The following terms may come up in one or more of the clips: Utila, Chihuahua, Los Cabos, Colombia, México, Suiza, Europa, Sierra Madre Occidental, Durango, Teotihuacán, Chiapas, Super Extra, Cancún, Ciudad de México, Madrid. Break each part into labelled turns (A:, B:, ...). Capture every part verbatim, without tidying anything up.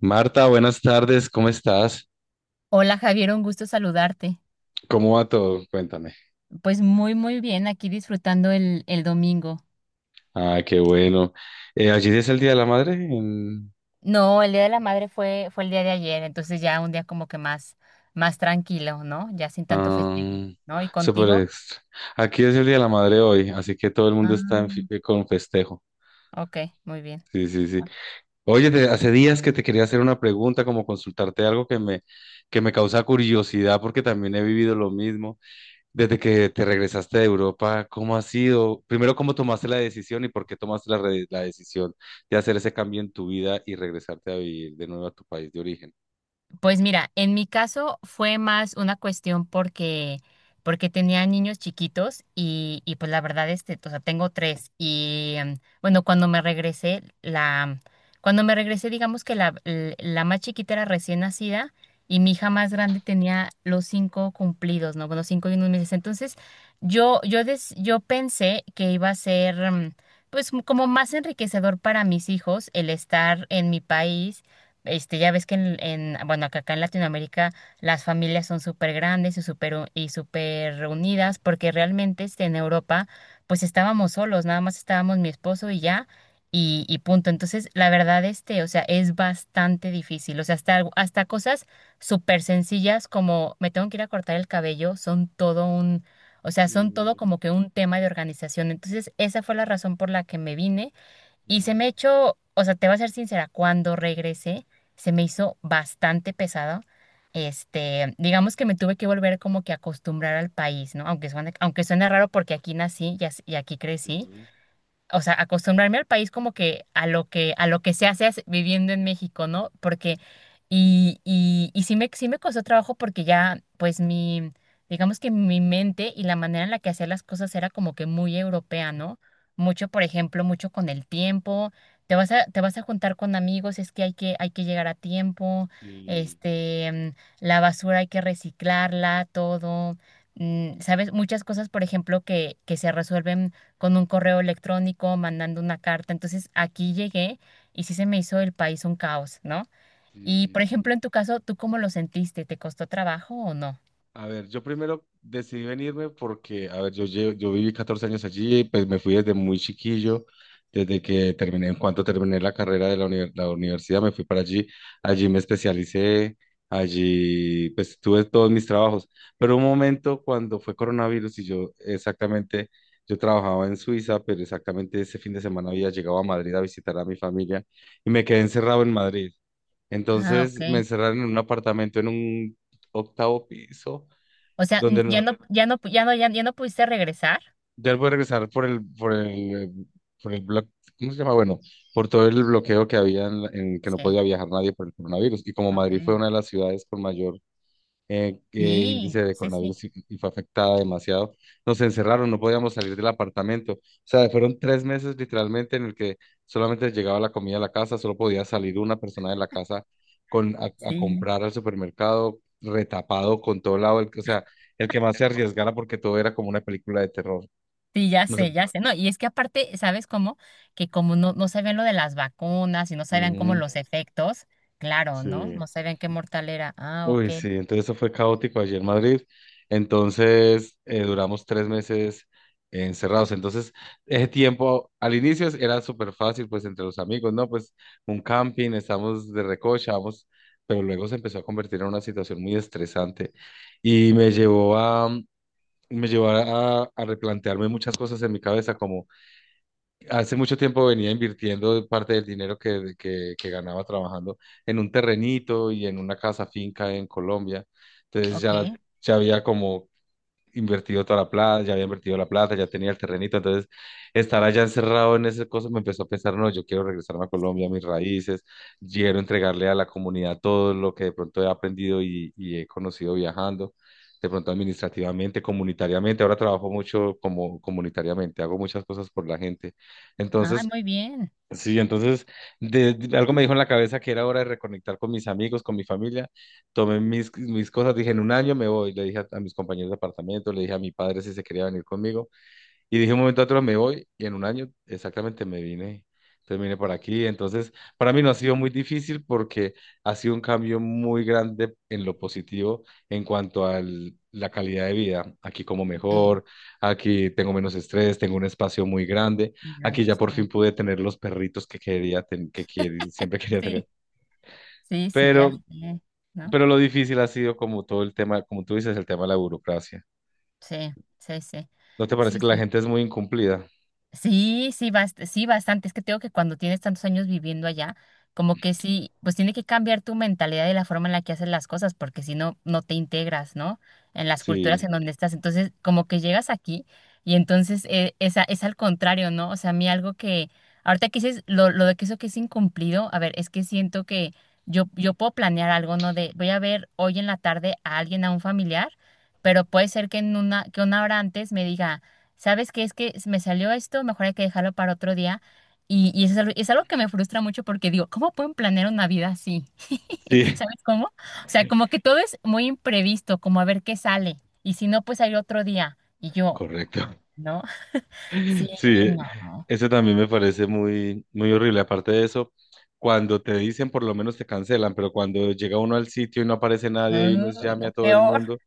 A: Marta, buenas tardes, ¿cómo estás?
B: Hola Javier, un gusto saludarte.
A: ¿Cómo va todo? Cuéntame.
B: Pues muy, muy bien, aquí disfrutando el, el domingo.
A: Ah, qué bueno. Eh, allí es el Día de la Madre en
B: No, el Día de la Madre fue, fue el día de ayer, entonces ya un día como que más, más tranquilo, ¿no? Ya sin tanto
A: ah,
B: festejo, ¿no? ¿Y
A: Super
B: contigo?
A: Extra. Aquí es el Día de la Madre hoy, así que todo el mundo está en fi- eh,
B: Ah,
A: con festejo.
B: ok, muy bien.
A: Sí, sí, sí. Oye, te- hace días que te quería hacer una pregunta, como consultarte algo que me, que me causa curiosidad, porque también he vivido lo mismo. Desde que te regresaste de Europa, ¿cómo ha sido? Primero, ¿cómo tomaste la decisión y por qué tomaste la, re- la decisión de hacer ese cambio en tu vida y regresarte a vivir de nuevo a tu país de origen?
B: Pues mira, en mi caso fue más una cuestión porque, porque tenía niños chiquitos y, y pues la verdad, este, o sea, tengo tres y em, bueno, cuando me regresé, la, cuando me regresé, digamos que la, l- la más chiquita era recién nacida y mi hija más grande tenía los cinco cumplidos, ¿no? Bueno, cinco y unos meses. Entonces, yo, yo, des- yo pensé que iba a ser, em, pues como más enriquecedor para mis hijos el estar en mi país, este, ya ves que en, en- bueno, que acá en Latinoamérica las familias son súper grandes y súper u- y súper
A: Sí,
B: reunidas, porque realmente, este, en Europa, pues estábamos solos, nada más estábamos mi esposo y ya, y, y punto. Entonces, la verdad, este, o sea, es bastante difícil. O sea, hasta, algo- hasta cosas súper sencillas como me tengo que ir a cortar el cabello, son todo un, o sea, son todo
A: sí,
B: como que un tema de organización. Entonces, esa fue la razón por la que me vine. Y se me
A: claro,
B: echó, o sea, te voy a ser sincera, cuando regresé se me hizo bastante pesado. Este, digamos que me tuve que volver como que a acostumbrar al país, ¿no? Aunque suene, aunque suene raro porque aquí nací y as- y aquí crecí,
A: sí,
B: o sea, acostumbrarme al país como que a lo que, a lo que, se hace as- viviendo en México, ¿no? Porque, y, y, y sí me, sí me costó trabajo porque ya, pues mi, digamos que mi mente y la manera en la que hacía las cosas era como que muy europea, ¿no? Mucho, por ejemplo, mucho con el tiempo, te vas a, te vas a juntar con amigos, es que hay que, hay que llegar a tiempo,
A: sí,
B: este, mm, la basura hay que reciclarla, todo. mm, ¿Sabes? Muchas cosas, por ejemplo, que, que se resuelven con un correo electrónico, mandando una carta. Entonces aquí llegué y sí se me hizo el país un caos, ¿no? Y por
A: sí.
B: ejemplo, en tu caso, ¿tú cómo lo sentiste? ¿Te costó trabajo o no?
A: A ver, yo primero decidí venirme porque, a ver, yo, lle- yo viví catorce años allí, pues me fui desde muy chiquillo, desde que terminé, en cuanto terminé la carrera de la, uni- la universidad, me fui para allí, allí me especialicé, allí pues tuve todos mis trabajos, pero un momento cuando fue coronavirus y yo exactamente, yo trabajaba en Suiza, pero exactamente ese fin de semana había llegado a Madrid a visitar a mi familia y me quedé encerrado en Madrid.
B: Ah,
A: Entonces me
B: ok.
A: encerraron en un apartamento en un octavo piso
B: O sea, n-
A: donde
B: ya
A: no,
B: no, ya no, pu- ya no, ya, ya no pudiste regresar.
A: ya él puede regresar por el, por el, eh, por el bloque, ¿cómo se llama? Bueno, por todo el bloqueo que había en, la- en que no
B: Sí,
A: podía viajar nadie por el coronavirus. Y como Madrid fue
B: ok.
A: una de las ciudades con mayor eh, eh, índice
B: Sí,
A: de
B: sí, sí,
A: coronavirus y, y fue afectada demasiado. Nos encerraron, no podíamos salir del apartamento. O sea, fueron tres meses literalmente en el que solamente llegaba la comida a la casa, solo podía salir una persona de la casa con, a, a
B: sí.
A: comprar al supermercado, retapado con todo lado, el, que- o sea, el que más se arriesgara porque todo era como una película de terror.
B: Sí, ya
A: No sé.
B: sé, ya sé. No, y es que aparte, ¿sabes cómo? Que como no, no sabían lo de las vacunas y no sabían cómo
A: Ujú,
B: los efectos, claro, ¿no?
A: sí.
B: No sabían qué mortal era. Ah, ok,
A: Uy, sí, entonces eso fue caótico allí en Madrid. Entonces eh, duramos tres meses encerrados. Entonces, ese tiempo al inicio era súper fácil, pues entre los amigos, ¿no? Pues un camping, estamos de recocha, vamos, pero luego se empezó a convertir en una situación muy estresante y me llevó a, me llevó a, a replantearme muchas cosas en mi cabeza, como hace mucho tiempo venía invirtiendo parte del dinero que, que, que ganaba trabajando en un terrenito y en una casa finca en Colombia. Entonces
B: ok.
A: ya, ya había como invertido toda la plata, ya había invertido la plata, ya tenía el terrenito, entonces estar allá encerrado en ese cosa me empezó a pensar, no, yo quiero regresarme a
B: Sí.
A: Colombia, a mis raíces, quiero entregarle a la comunidad todo lo que de pronto he aprendido y, y he conocido viajando, de pronto administrativamente, comunitariamente, ahora trabajo mucho como comunitariamente, hago muchas cosas por la gente,
B: Ah,
A: entonces...
B: muy bien.
A: Sí, entonces de, de- algo me dijo en la cabeza que era hora de reconectar con mis amigos, con mi familia. Tomé mis, mis cosas, dije, en un año me voy. Le dije a, a mis compañeros de apartamento, le dije a mi padre si se quería venir conmigo. Y dije un momento a otro me voy y en un año exactamente me vine, entonces vine por aquí. Entonces, para mí no ha sido muy difícil porque ha sido un cambio muy grande en lo positivo en cuanto a la calidad de vida. Aquí como
B: Sí,
A: mejor, aquí tengo menos estrés, tengo un espacio muy grande,
B: muy grande,
A: aquí ya
B: sí.
A: por fin pude tener los perritos que quería, ten- que quiere- siempre quería tener.
B: Sí, sí, sí, ya
A: Pero,
B: sé, ¿no?
A: pero lo difícil ha sido como todo el tema, como tú dices, el tema de la burocracia.
B: Sí, sí, sí.
A: ¿No te parece
B: Sí,
A: que la
B: sí,
A: gente es muy incumplida?
B: sí, sí, bast- sí, bastante. Es que tengo que cuando tienes tantos años viviendo allá, como que sí, pues tiene que cambiar tu mentalidad y la forma en la que haces las cosas, porque si no, no te integras, ¿no? En las culturas
A: Sí,
B: en donde estás. Entonces, como que llegas aquí y entonces, eh, es, a- es al contrario, ¿no? O sea, a mí algo que, ahorita que dices lo, lo de que eso que es incumplido, a ver, es que siento que yo, yo puedo planear algo, ¿no? De voy a ver hoy en la tarde a alguien, a un familiar, pero puede ser que en una, que una hora antes me diga, ¿sabes qué? Es que me salió esto, mejor hay que dejarlo para otro día. Y, y eso es algo, es algo, que me frustra mucho porque digo, ¿cómo pueden planear una vida así?
A: sí,
B: ¿Sabes cómo? O sea, como que todo es muy imprevisto, como a ver qué sale. Y si no, pues hay otro día. Y yo,
A: correcto.
B: ¿no? Sí,
A: Sí,
B: no.
A: eso también me parece muy, muy horrible. Aparte de eso, cuando te dicen, por lo menos te cancelan, pero cuando llega uno al sitio y no aparece nadie y uno
B: Uy,
A: llame
B: no,
A: a todo el
B: peor.
A: mundo,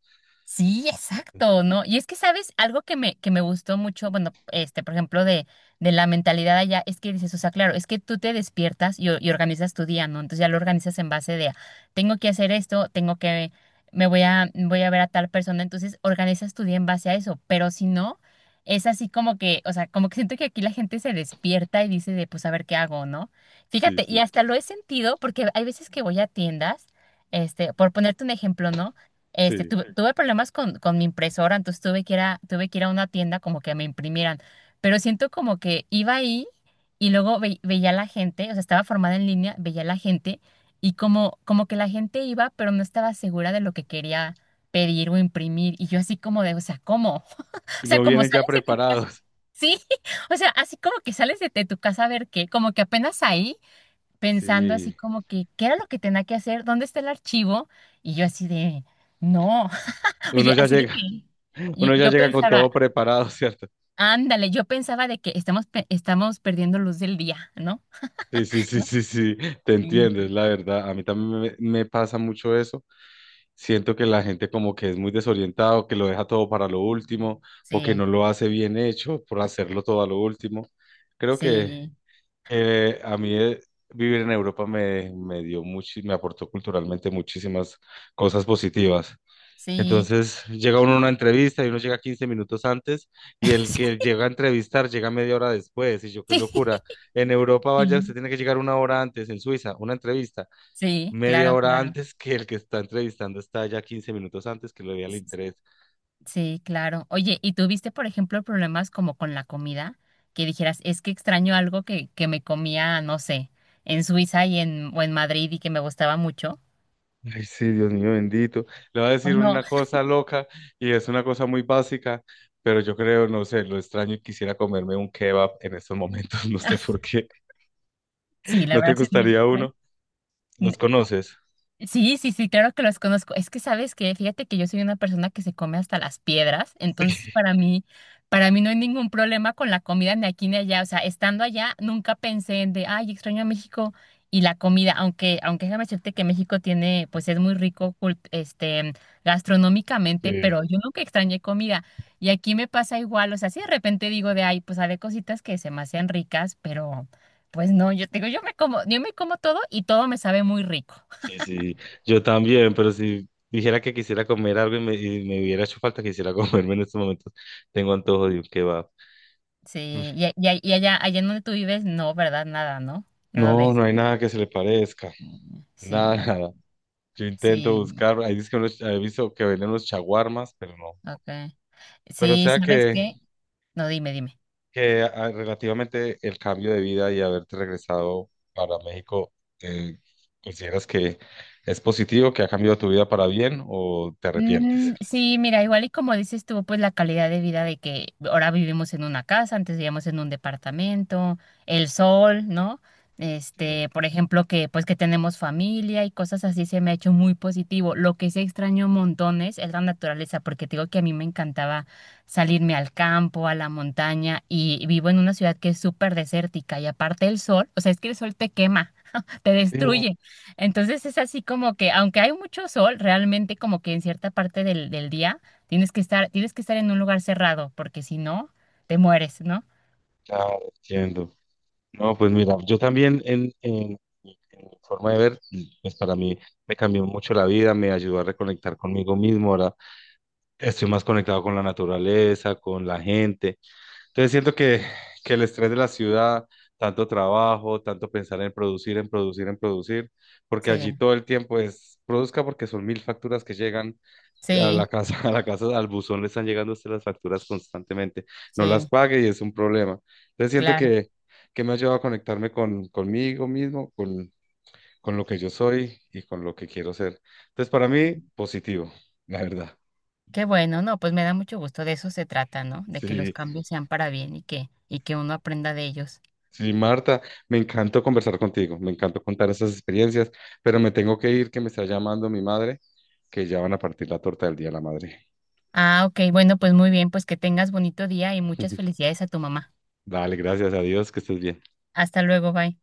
B: Sí, exacto, ¿no? Y es que, ¿sabes? Algo que me, que me gustó mucho, bueno, este, por ejemplo, de, de la mentalidad allá, es que dices, o sea, claro, es que tú te despiertas y, o- y organizas tu día, ¿no? Entonces ya lo organizas en base de, tengo que hacer esto, tengo que, me voy a, voy a ver a tal persona, entonces organizas tu día en base a eso, pero si no, es así como que, o sea, como que siento que aquí la gente se despierta y dice de, pues, a ver qué hago, ¿no?
A: sí,
B: Fíjate, y
A: sí,
B: hasta lo he sentido porque hay veces que voy a tiendas, este, por ponerte un ejemplo, ¿no? Este,
A: sí.
B: tuve, tuve problemas con, con mi impresora, entonces tuve que ir a, tuve que ir a una tienda como que me imprimieran. Pero siento como que iba ahí y luego ve- veía a la gente, o sea, estaba formada en línea, veía a la gente y como, como que la gente iba, pero no estaba segura de lo que quería pedir o imprimir. Y yo así como de, o sea, ¿cómo? O sea,
A: No
B: como
A: vienen ya
B: sales de tu casa.
A: preparados.
B: Sí, o sea, así como que sales de, de tu casa a ver qué, como que apenas ahí pensando así
A: Sí,
B: como que, ¿qué era lo que tenía que hacer? ¿Dónde está el archivo? Y yo así de. No. Oye,
A: uno ya
B: así de
A: llega,
B: que yo,
A: uno ya
B: yo
A: llega con
B: pensaba,
A: todo preparado, ¿cierto?
B: ándale, yo pensaba de que estamos, pe- estamos perdiendo luz del día, ¿no?
A: Sí, sí, sí, sí, sí, te
B: Sí,
A: entiendes, la verdad. A mí también me, me pasa mucho eso. Siento que la gente como que es muy desorientado, que lo deja todo para lo último o que
B: sí,
A: no lo hace bien hecho por hacerlo todo a lo último. Creo que eh, a mí eh, vivir en Europa me, me dio mucho, me aportó culturalmente muchísimas cosas positivas.
B: sí, sí,
A: Entonces llega uno a una entrevista y uno llega quince minutos antes y el que llega a entrevistar llega media hora después. Y yo, qué
B: sí,
A: locura. En Europa, vaya, usted
B: sí,
A: tiene que llegar una hora antes, en Suiza, una entrevista
B: sí,
A: media
B: claro,
A: hora
B: claro,
A: antes que el que está entrevistando está ya quince minutos antes que lo vea el
B: s-
A: interés.
B: sí, claro. Oye, ¿y tuviste, por ejemplo, problemas como con la comida? Que dijeras, es que extraño algo que, que me comía, no sé, en Suiza y en, o en Madrid y que me gustaba mucho.
A: Ay, sí, Dios mío bendito. Le va a
B: ¿O
A: decir
B: no?
A: una cosa loca y es una cosa muy básica, pero yo creo, no sé, lo extraño y quisiera comerme un kebab en estos momentos, no sé por qué.
B: Sí, la
A: ¿No te
B: verdad sí es muy
A: gustaría
B: extraño.
A: uno? ¿Los conoces?
B: Sí, sí, sí, claro que los conozco. Es que sabes que, fíjate que yo soy una persona que se come hasta las piedras, entonces para mí, para mí, no hay ningún problema con la comida ni aquí ni allá. O sea, estando allá, nunca pensé en de, ay, extraño a México y la comida, aunque, aunque déjame decirte que México tiene, pues es muy rico, cult- este,
A: Sí,
B: gastronómicamente, pero yo nunca extrañé comida. Y aquí me pasa igual, o sea, si de repente digo de, ay, pues hay cositas que se me hacen ricas, pero pues no, yo te digo, yo me como, yo me como, todo y todo me sabe muy rico.
A: sí, sí, yo también, pero si dijera que quisiera comer algo y me, y me hubiera hecho falta, quisiera comerme en estos momentos, tengo antojo de un kebab.
B: Sí, y, a- y- a- y allá, allá en donde tú vives, no, ¿verdad? Nada, ¿no? Nada de
A: No,
B: eso.
A: no hay nada que se le parezca,
B: Sí,
A: nada,
B: ya.
A: nada. Yo intento
B: Sí,
A: buscar, ahí dice que unos- he visto que venden los chaguarmas, pero no.
B: ok.
A: Pero o
B: Sí,
A: sea
B: ¿sabes
A: que,
B: qué? No, dime, dime.
A: que ah, relativamente el cambio de vida y haberte regresado para México, eh, ¿consideras que es positivo, que ha cambiado tu vida para bien o te arrepientes?
B: Mm, sí, mira, igual y como dices tú, pues la calidad de vida de que ahora vivimos en una casa, antes vivíamos en un departamento, el sol, ¿no?
A: Sí,
B: Este, por ejemplo, que pues que tenemos familia y cosas así se me ha hecho muy positivo. Lo que sí extraño montones es la naturaleza, porque te digo que a mí me encantaba salirme al campo, a la montaña y vivo en una ciudad que es súper desértica y aparte el sol, o sea, es que el sol te quema, te
A: sí,
B: destruye. Entonces es así como que, aunque hay mucho sol, realmente como que en cierta parte del, del día tienes que estar, tienes que estar en un lugar cerrado, porque si no, te mueres, ¿no?
A: claro, entiendo. No, pues mira, yo también en, en, en mi forma de ver, pues para mí me cambió mucho la vida, me ayudó a reconectar conmigo mismo, ahora estoy más conectado con la naturaleza, con la gente. Entonces siento que, que el estrés de la ciudad, tanto trabajo, tanto pensar en producir, en producir, en producir, porque
B: Sí,
A: allí todo el tiempo es produzca porque son mil facturas que llegan a
B: sí,
A: la casa, a la casa, al buzón le están llegando a usted las facturas constantemente, no las
B: sí,
A: pague y es un problema. Entonces siento
B: claro.
A: que, que me ha ayudado a conectarme con, conmigo mismo, con, con lo que yo soy y con lo que quiero ser. Entonces para mí, positivo, la verdad.
B: Qué bueno, no, pues me da mucho gusto, de eso se trata, ¿no? De que los
A: Sí,
B: cambios sean para bien y que, y que, uno aprenda de ellos.
A: sí, Marta, me encantó conversar contigo, me encantó contar esas experiencias, pero me tengo que ir, que me está llamando mi madre, que ya van a partir la torta del Día de la Madre.
B: Ah, ok, bueno, pues muy bien, pues que tengas bonito día y muchas felicidades a tu mamá.
A: Dale, gracias a Dios, que estés bien.
B: Hasta luego, bye.